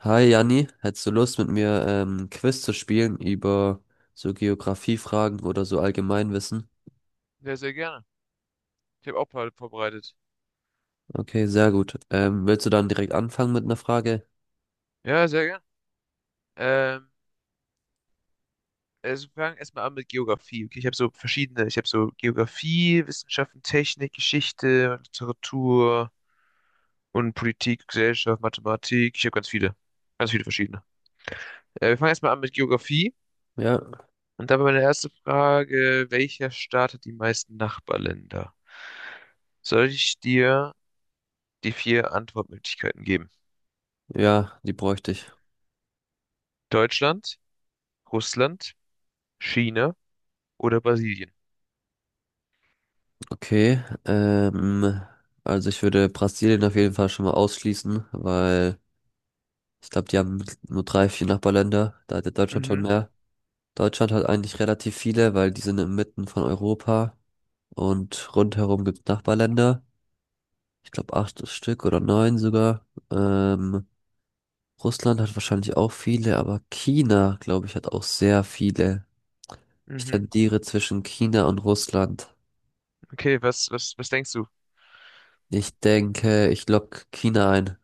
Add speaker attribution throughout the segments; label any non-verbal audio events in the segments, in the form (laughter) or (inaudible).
Speaker 1: Hi Janni, hättest du Lust mit mir ein Quiz zu spielen über so Geografiefragen oder so Allgemeinwissen?
Speaker 2: Sehr, sehr gerne. Ich habe auch ein paar vorbereitet.
Speaker 1: Okay, sehr gut. Willst du dann direkt anfangen mit einer Frage?
Speaker 2: Ja, sehr gerne. Ähm, also wir fangen erstmal an mit Geografie. Okay, ich habe so verschiedene. Ich habe so Geografie, Wissenschaften, Technik, Geschichte, Literatur und Politik, Gesellschaft, Mathematik. Ich habe ganz viele. Ganz viele verschiedene. Wir fangen erstmal an mit Geografie.
Speaker 1: Ja,
Speaker 2: Und dabei meine erste Frage, welcher Staat hat die meisten Nachbarländer? Soll ich dir die vier Antwortmöglichkeiten geben?
Speaker 1: ja, die bräuchte ich.
Speaker 2: Deutschland, Russland, China oder Brasilien?
Speaker 1: Okay, also ich würde Brasilien auf jeden Fall schon mal ausschließen, weil ich glaube, die haben nur drei, vier Nachbarländer. Da hat ja Deutschland schon
Speaker 2: Mhm,
Speaker 1: mehr. Deutschland hat eigentlich relativ viele, weil die sind inmitten von Europa und rundherum gibt es Nachbarländer. Ich glaube acht Stück oder neun sogar. Ähm, Russland hat wahrscheinlich auch viele, aber China, glaube ich, hat auch sehr viele. Ich
Speaker 2: mhm.
Speaker 1: tendiere zwischen China und Russland.
Speaker 2: Okay, was denkst du?
Speaker 1: Ich denke, ich lock China ein.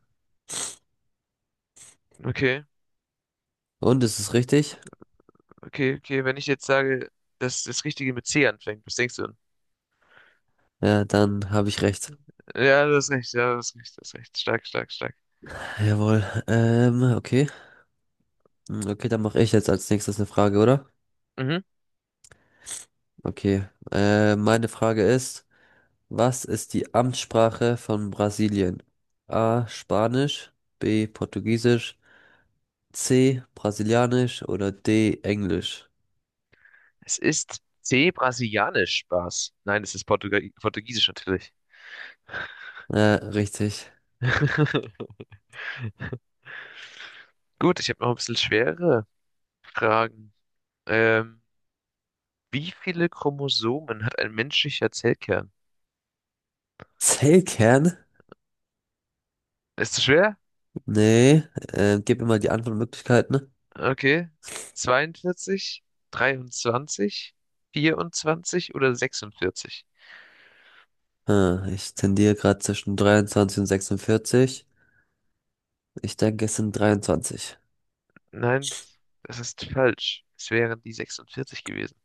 Speaker 2: Okay,
Speaker 1: Und ist es richtig?
Speaker 2: okay, okay, wenn ich jetzt sage, dass das Richtige mit C anfängt, was denkst du denn?
Speaker 1: Ja, dann habe ich recht.
Speaker 2: Ja, das ist recht, ja, das ist recht, das ist recht. Stark, stark, stark.
Speaker 1: Jawohl. Okay. Hm, okay, dann mache ich jetzt als nächstes eine Frage, oder?
Speaker 2: Mhm.
Speaker 1: Okay. Meine Frage ist, was ist die Amtssprache von Brasilien? A. Spanisch, B. Portugiesisch. C, Brasilianisch oder D, Englisch?
Speaker 2: Es ist C, brasilianisch, Spaß. Nein, es ist Portugal Portugiesisch natürlich.
Speaker 1: Ja, richtig.
Speaker 2: (laughs) Gut, ich habe noch ein bisschen schwere Fragen. Ähm, wie viele Chromosomen hat ein menschlicher Zellkern?
Speaker 1: Zellkern?
Speaker 2: Ist zu schwer?
Speaker 1: Nee, gib mir mal die Antwortmöglichkeiten.
Speaker 2: Okay. 42, 23, 24 oder 46?
Speaker 1: Hm, ich tendiere gerade zwischen 23 und 46. Ich denke, es sind 23.
Speaker 2: Nein, das ist falsch. Es wären die 46 gewesen.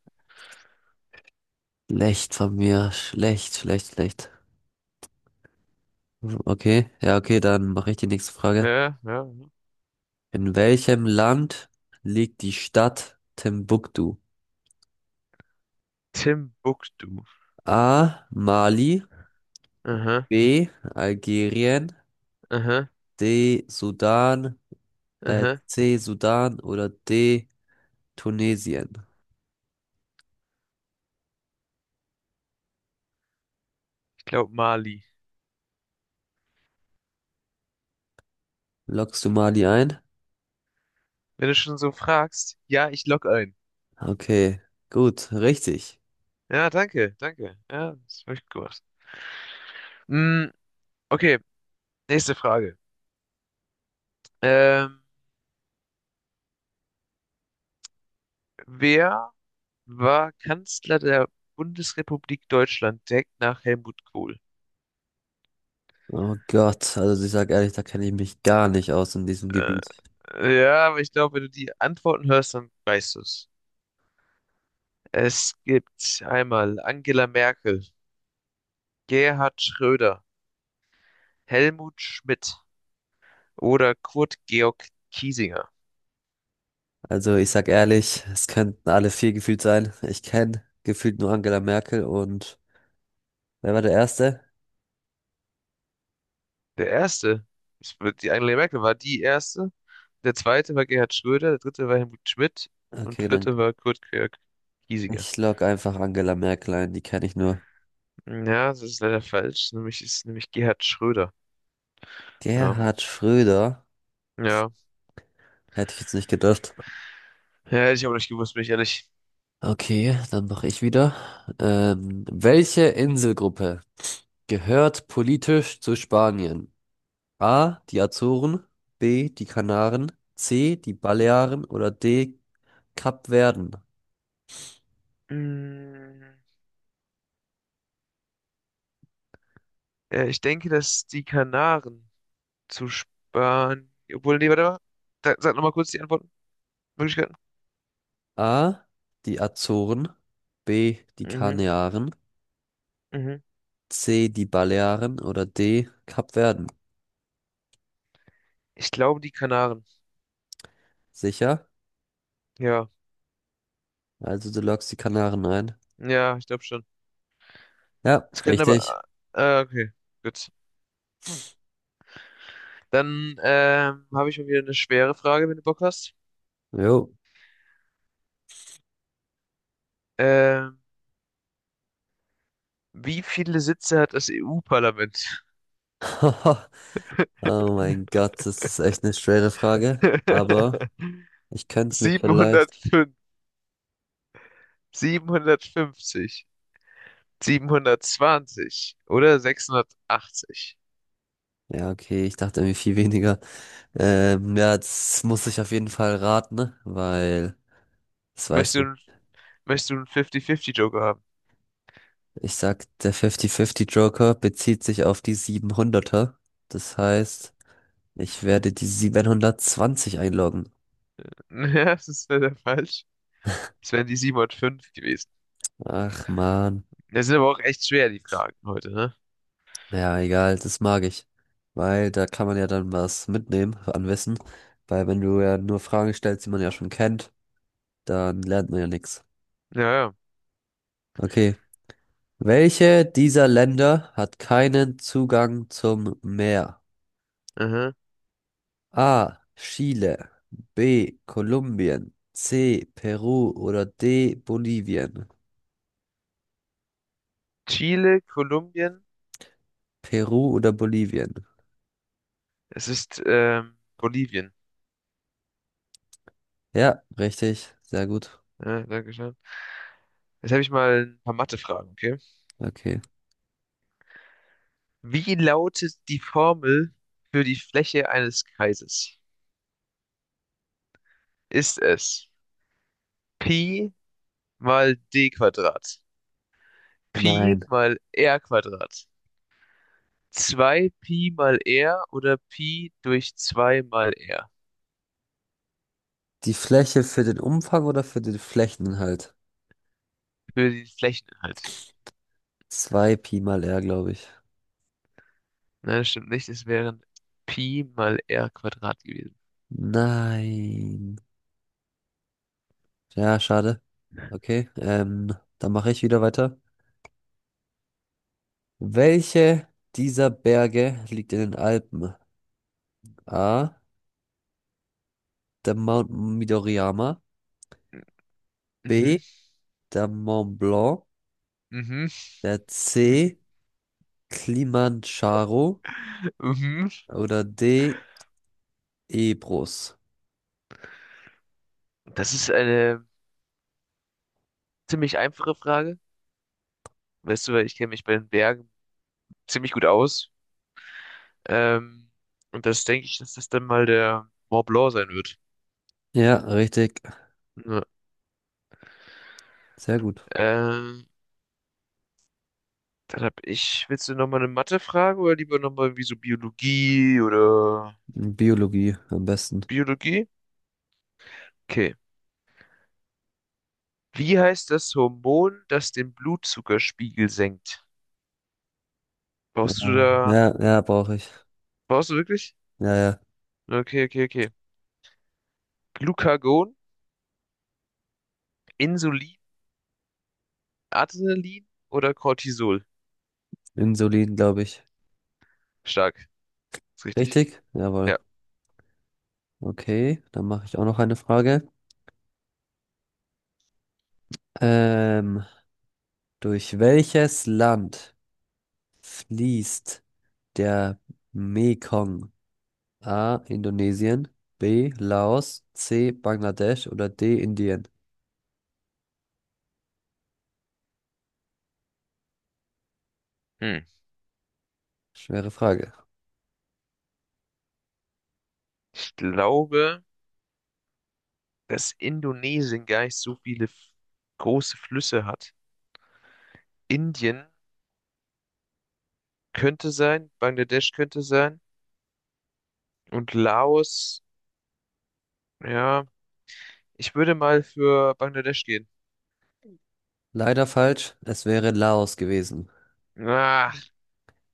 Speaker 1: Schlecht von mir. Schlecht, schlecht, schlecht. Okay, ja, okay, dann mache ich die nächste
Speaker 2: Ja,
Speaker 1: Frage.
Speaker 2: ja, ja.
Speaker 1: In welchem Land liegt die Stadt Timbuktu?
Speaker 2: Timbuktu.
Speaker 1: A. Mali.
Speaker 2: Aha,
Speaker 1: B. Algerien.
Speaker 2: aha,
Speaker 1: D. Sudan.
Speaker 2: aha.
Speaker 1: C, Sudan oder D, Tunesien.
Speaker 2: Ich glaube Mali.
Speaker 1: Loggst du Mali ein?
Speaker 2: Wenn du schon so fragst, ja, ich log ein.
Speaker 1: Okay, gut, richtig.
Speaker 2: Ja, danke, danke. Ja, das habe ich gewusst. Mm, okay, nächste Frage. Ähm, wer war Kanzler der Bundesrepublik Deutschland direkt nach Helmut Kohl?
Speaker 1: Oh Gott, also ich sag ehrlich, da kenne ich mich gar nicht aus in diesem
Speaker 2: Äh,
Speaker 1: Gebiet.
Speaker 2: ja, aber ich glaube, wenn du die Antworten hörst, dann weißt du es. Es gibt einmal Angela Merkel, Gerhard Schröder, Helmut Schmidt oder Kurt Georg Kiesinger.
Speaker 1: Also ich sag ehrlich, es könnten alle vier gefühlt sein. Ich kenne gefühlt nur Angela Merkel und wer war der Erste?
Speaker 2: Der erste, ist- die Angela Merkel war die erste, der zweite war Gerhard Schröder, der dritte war Helmut Schmidt und
Speaker 1: Okay, dann
Speaker 2: vierte war Kurt Georg Kiesinger.
Speaker 1: ich log einfach Angela Merkel ein, die kenne ich nur.
Speaker 2: Ja, das ist leider falsch, nämlich ist nämlich Gerhard Schröder. Ja,
Speaker 1: Gerhard Schröder,
Speaker 2: ja, ja,
Speaker 1: hätte ich jetzt nicht gedacht.
Speaker 2: hätte ich aber nicht gewusst, bin ich ehrlich.
Speaker 1: Okay, dann mache ich wieder. Welche Inselgruppe gehört politisch zu Spanien. A. Die Azoren. B. Die Kanaren. C. Die Balearen oder D. Kapverden.
Speaker 2: Mm, ich denke, dass die Kanaren zu sparen, obwohl, nee, warte mal. Da, sag nochmal kurz die Antwortmöglichkeiten.
Speaker 1: A. Die Azoren. B. Die
Speaker 2: Mhm,
Speaker 1: Kanaren.
Speaker 2: mhm.
Speaker 1: C. Die Balearen oder D. Kapverden.
Speaker 2: Ich glaube, die Kanaren.
Speaker 1: Sicher?
Speaker 2: Ja,
Speaker 1: Also du loggst die Kanaren ein.
Speaker 2: ja, ich glaube schon.
Speaker 1: Ja,
Speaker 2: Es könnten
Speaker 1: richtig.
Speaker 2: aber. Okay, gut. Dann habe ich mal wieder eine schwere Frage, wenn du Bock hast.
Speaker 1: Jo.
Speaker 2: Ähm, wie viele Sitze hat das EU-Parlament?
Speaker 1: (laughs) Oh mein Gott, das ist echt eine schwere Frage. Aber
Speaker 2: (laughs)
Speaker 1: ich könnte es mir vielleicht.
Speaker 2: 705, 750, 720 oder 680?
Speaker 1: Ja, okay, ich dachte irgendwie viel weniger. Ja, das muss ich auf jeden Fall raten, ne? Weil, das
Speaker 2: Möchtest
Speaker 1: weiß ich.
Speaker 2: du, möchtest du einen 50-50-Joker.
Speaker 1: Ich sag, der 50-50 Joker bezieht sich auf die 700er. Das heißt, ich werde die 720 einloggen.
Speaker 2: (laughs) Ja, das ist leider falsch. Es wären die 705 gewesen.
Speaker 1: Ach man.
Speaker 2: Das sind aber auch echt schwer, die Fragen heute, ne?
Speaker 1: Ja, egal, das mag ich. Weil da kann man ja dann was mitnehmen an Wissen. Weil wenn du ja nur Fragen stellst, die man ja schon kennt, dann lernt man ja nichts.
Speaker 2: Ja, ja.
Speaker 1: Okay. Welche dieser Länder hat keinen Zugang zum Meer?
Speaker 2: Aha.
Speaker 1: A. Chile. B. Kolumbien. C. Peru oder D. Bolivien.
Speaker 2: Chile, Kolumbien,
Speaker 1: Peru oder Bolivien?
Speaker 2: es ist Bolivien.
Speaker 1: Ja, richtig. Sehr gut.
Speaker 2: Ja, danke schön. Jetzt habe ich mal ein paar Mathe-Fragen, okay?
Speaker 1: Okay.
Speaker 2: Wie lautet die Formel für die Fläche eines Kreises? Ist es Pi mal D Quadrat, Pi
Speaker 1: Nein.
Speaker 2: mal R Quadrat, 2 Pi mal R oder Pi durch 2 mal R
Speaker 1: Die Fläche für den Umfang oder für den Flächeninhalt?
Speaker 2: für den Flächeninhalt?
Speaker 1: 2 Pi mal R, glaube ich.
Speaker 2: Nein, das stimmt nicht. Es wären Pi mal R Quadrat gewesen.
Speaker 1: Nein. Ja, schade. Okay, dann mache ich wieder weiter. Welche dieser Berge liegt in den Alpen? A. Der Mount Midoriyama.
Speaker 2: Mhm,
Speaker 1: B. der Mont Blanc,
Speaker 2: mhm,
Speaker 1: der
Speaker 2: (laughs)
Speaker 1: C. Kilimanjaro
Speaker 2: mhm.
Speaker 1: oder D. Ebrus.
Speaker 2: Das ist eine ziemlich einfache Frage. Weißt du, weil ich kenne mich bei den Bergen ziemlich gut aus. Ähm, und das denke ich, dass das dann mal der Mont Blanc sein wird.
Speaker 1: Ja, richtig.
Speaker 2: Ja.
Speaker 1: Sehr gut.
Speaker 2: Ähm, dann hab ich, willst du nochmal eine Mathe-Frage oder lieber nochmal irgendwie so Biologie oder
Speaker 1: Biologie am besten.
Speaker 2: Biologie? Okay. Wie heißt das Hormon, das den Blutzuckerspiegel senkt? Brauchst du
Speaker 1: Aber-
Speaker 2: da,
Speaker 1: ja, ja, brauche ich.
Speaker 2: brauchst du wirklich?
Speaker 1: Ja, ja.
Speaker 2: Okay, okay, okay. Glucagon, Insulin, Adrenalin oder Cortisol?
Speaker 1: Insulin, glaube ich.
Speaker 2: Stark, ist richtig.
Speaker 1: Richtig? Jawohl.
Speaker 2: Ja.
Speaker 1: Okay, dann mache ich auch noch eine Frage. Ähm, durch welches Land fließt der Mekong? A. Indonesien, B. Laos, C. Bangladesch oder D. Indien?
Speaker 2: Hm.
Speaker 1: Schwere Frage.
Speaker 2: Ich glaube, dass Indonesien gar nicht so viele große Flüsse hat. Indien könnte sein, Bangladesch könnte sein und Laos, ja. Ich würde mal für Bangladesch gehen.
Speaker 1: Leider falsch, es wäre Laos gewesen.
Speaker 2: Ah,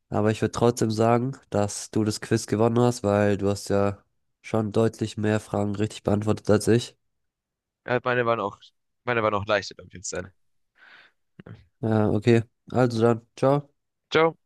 Speaker 1: Aber ich würde trotzdem sagen, dass du das Quiz gewonnen hast, weil du hast ja schon deutlich mehr Fragen richtig beantwortet als ich.
Speaker 2: ja, meine waren auch leichter, glaube ich, jetzt sein.
Speaker 1: Ja, okay. Also dann, ciao.
Speaker 2: Ciao.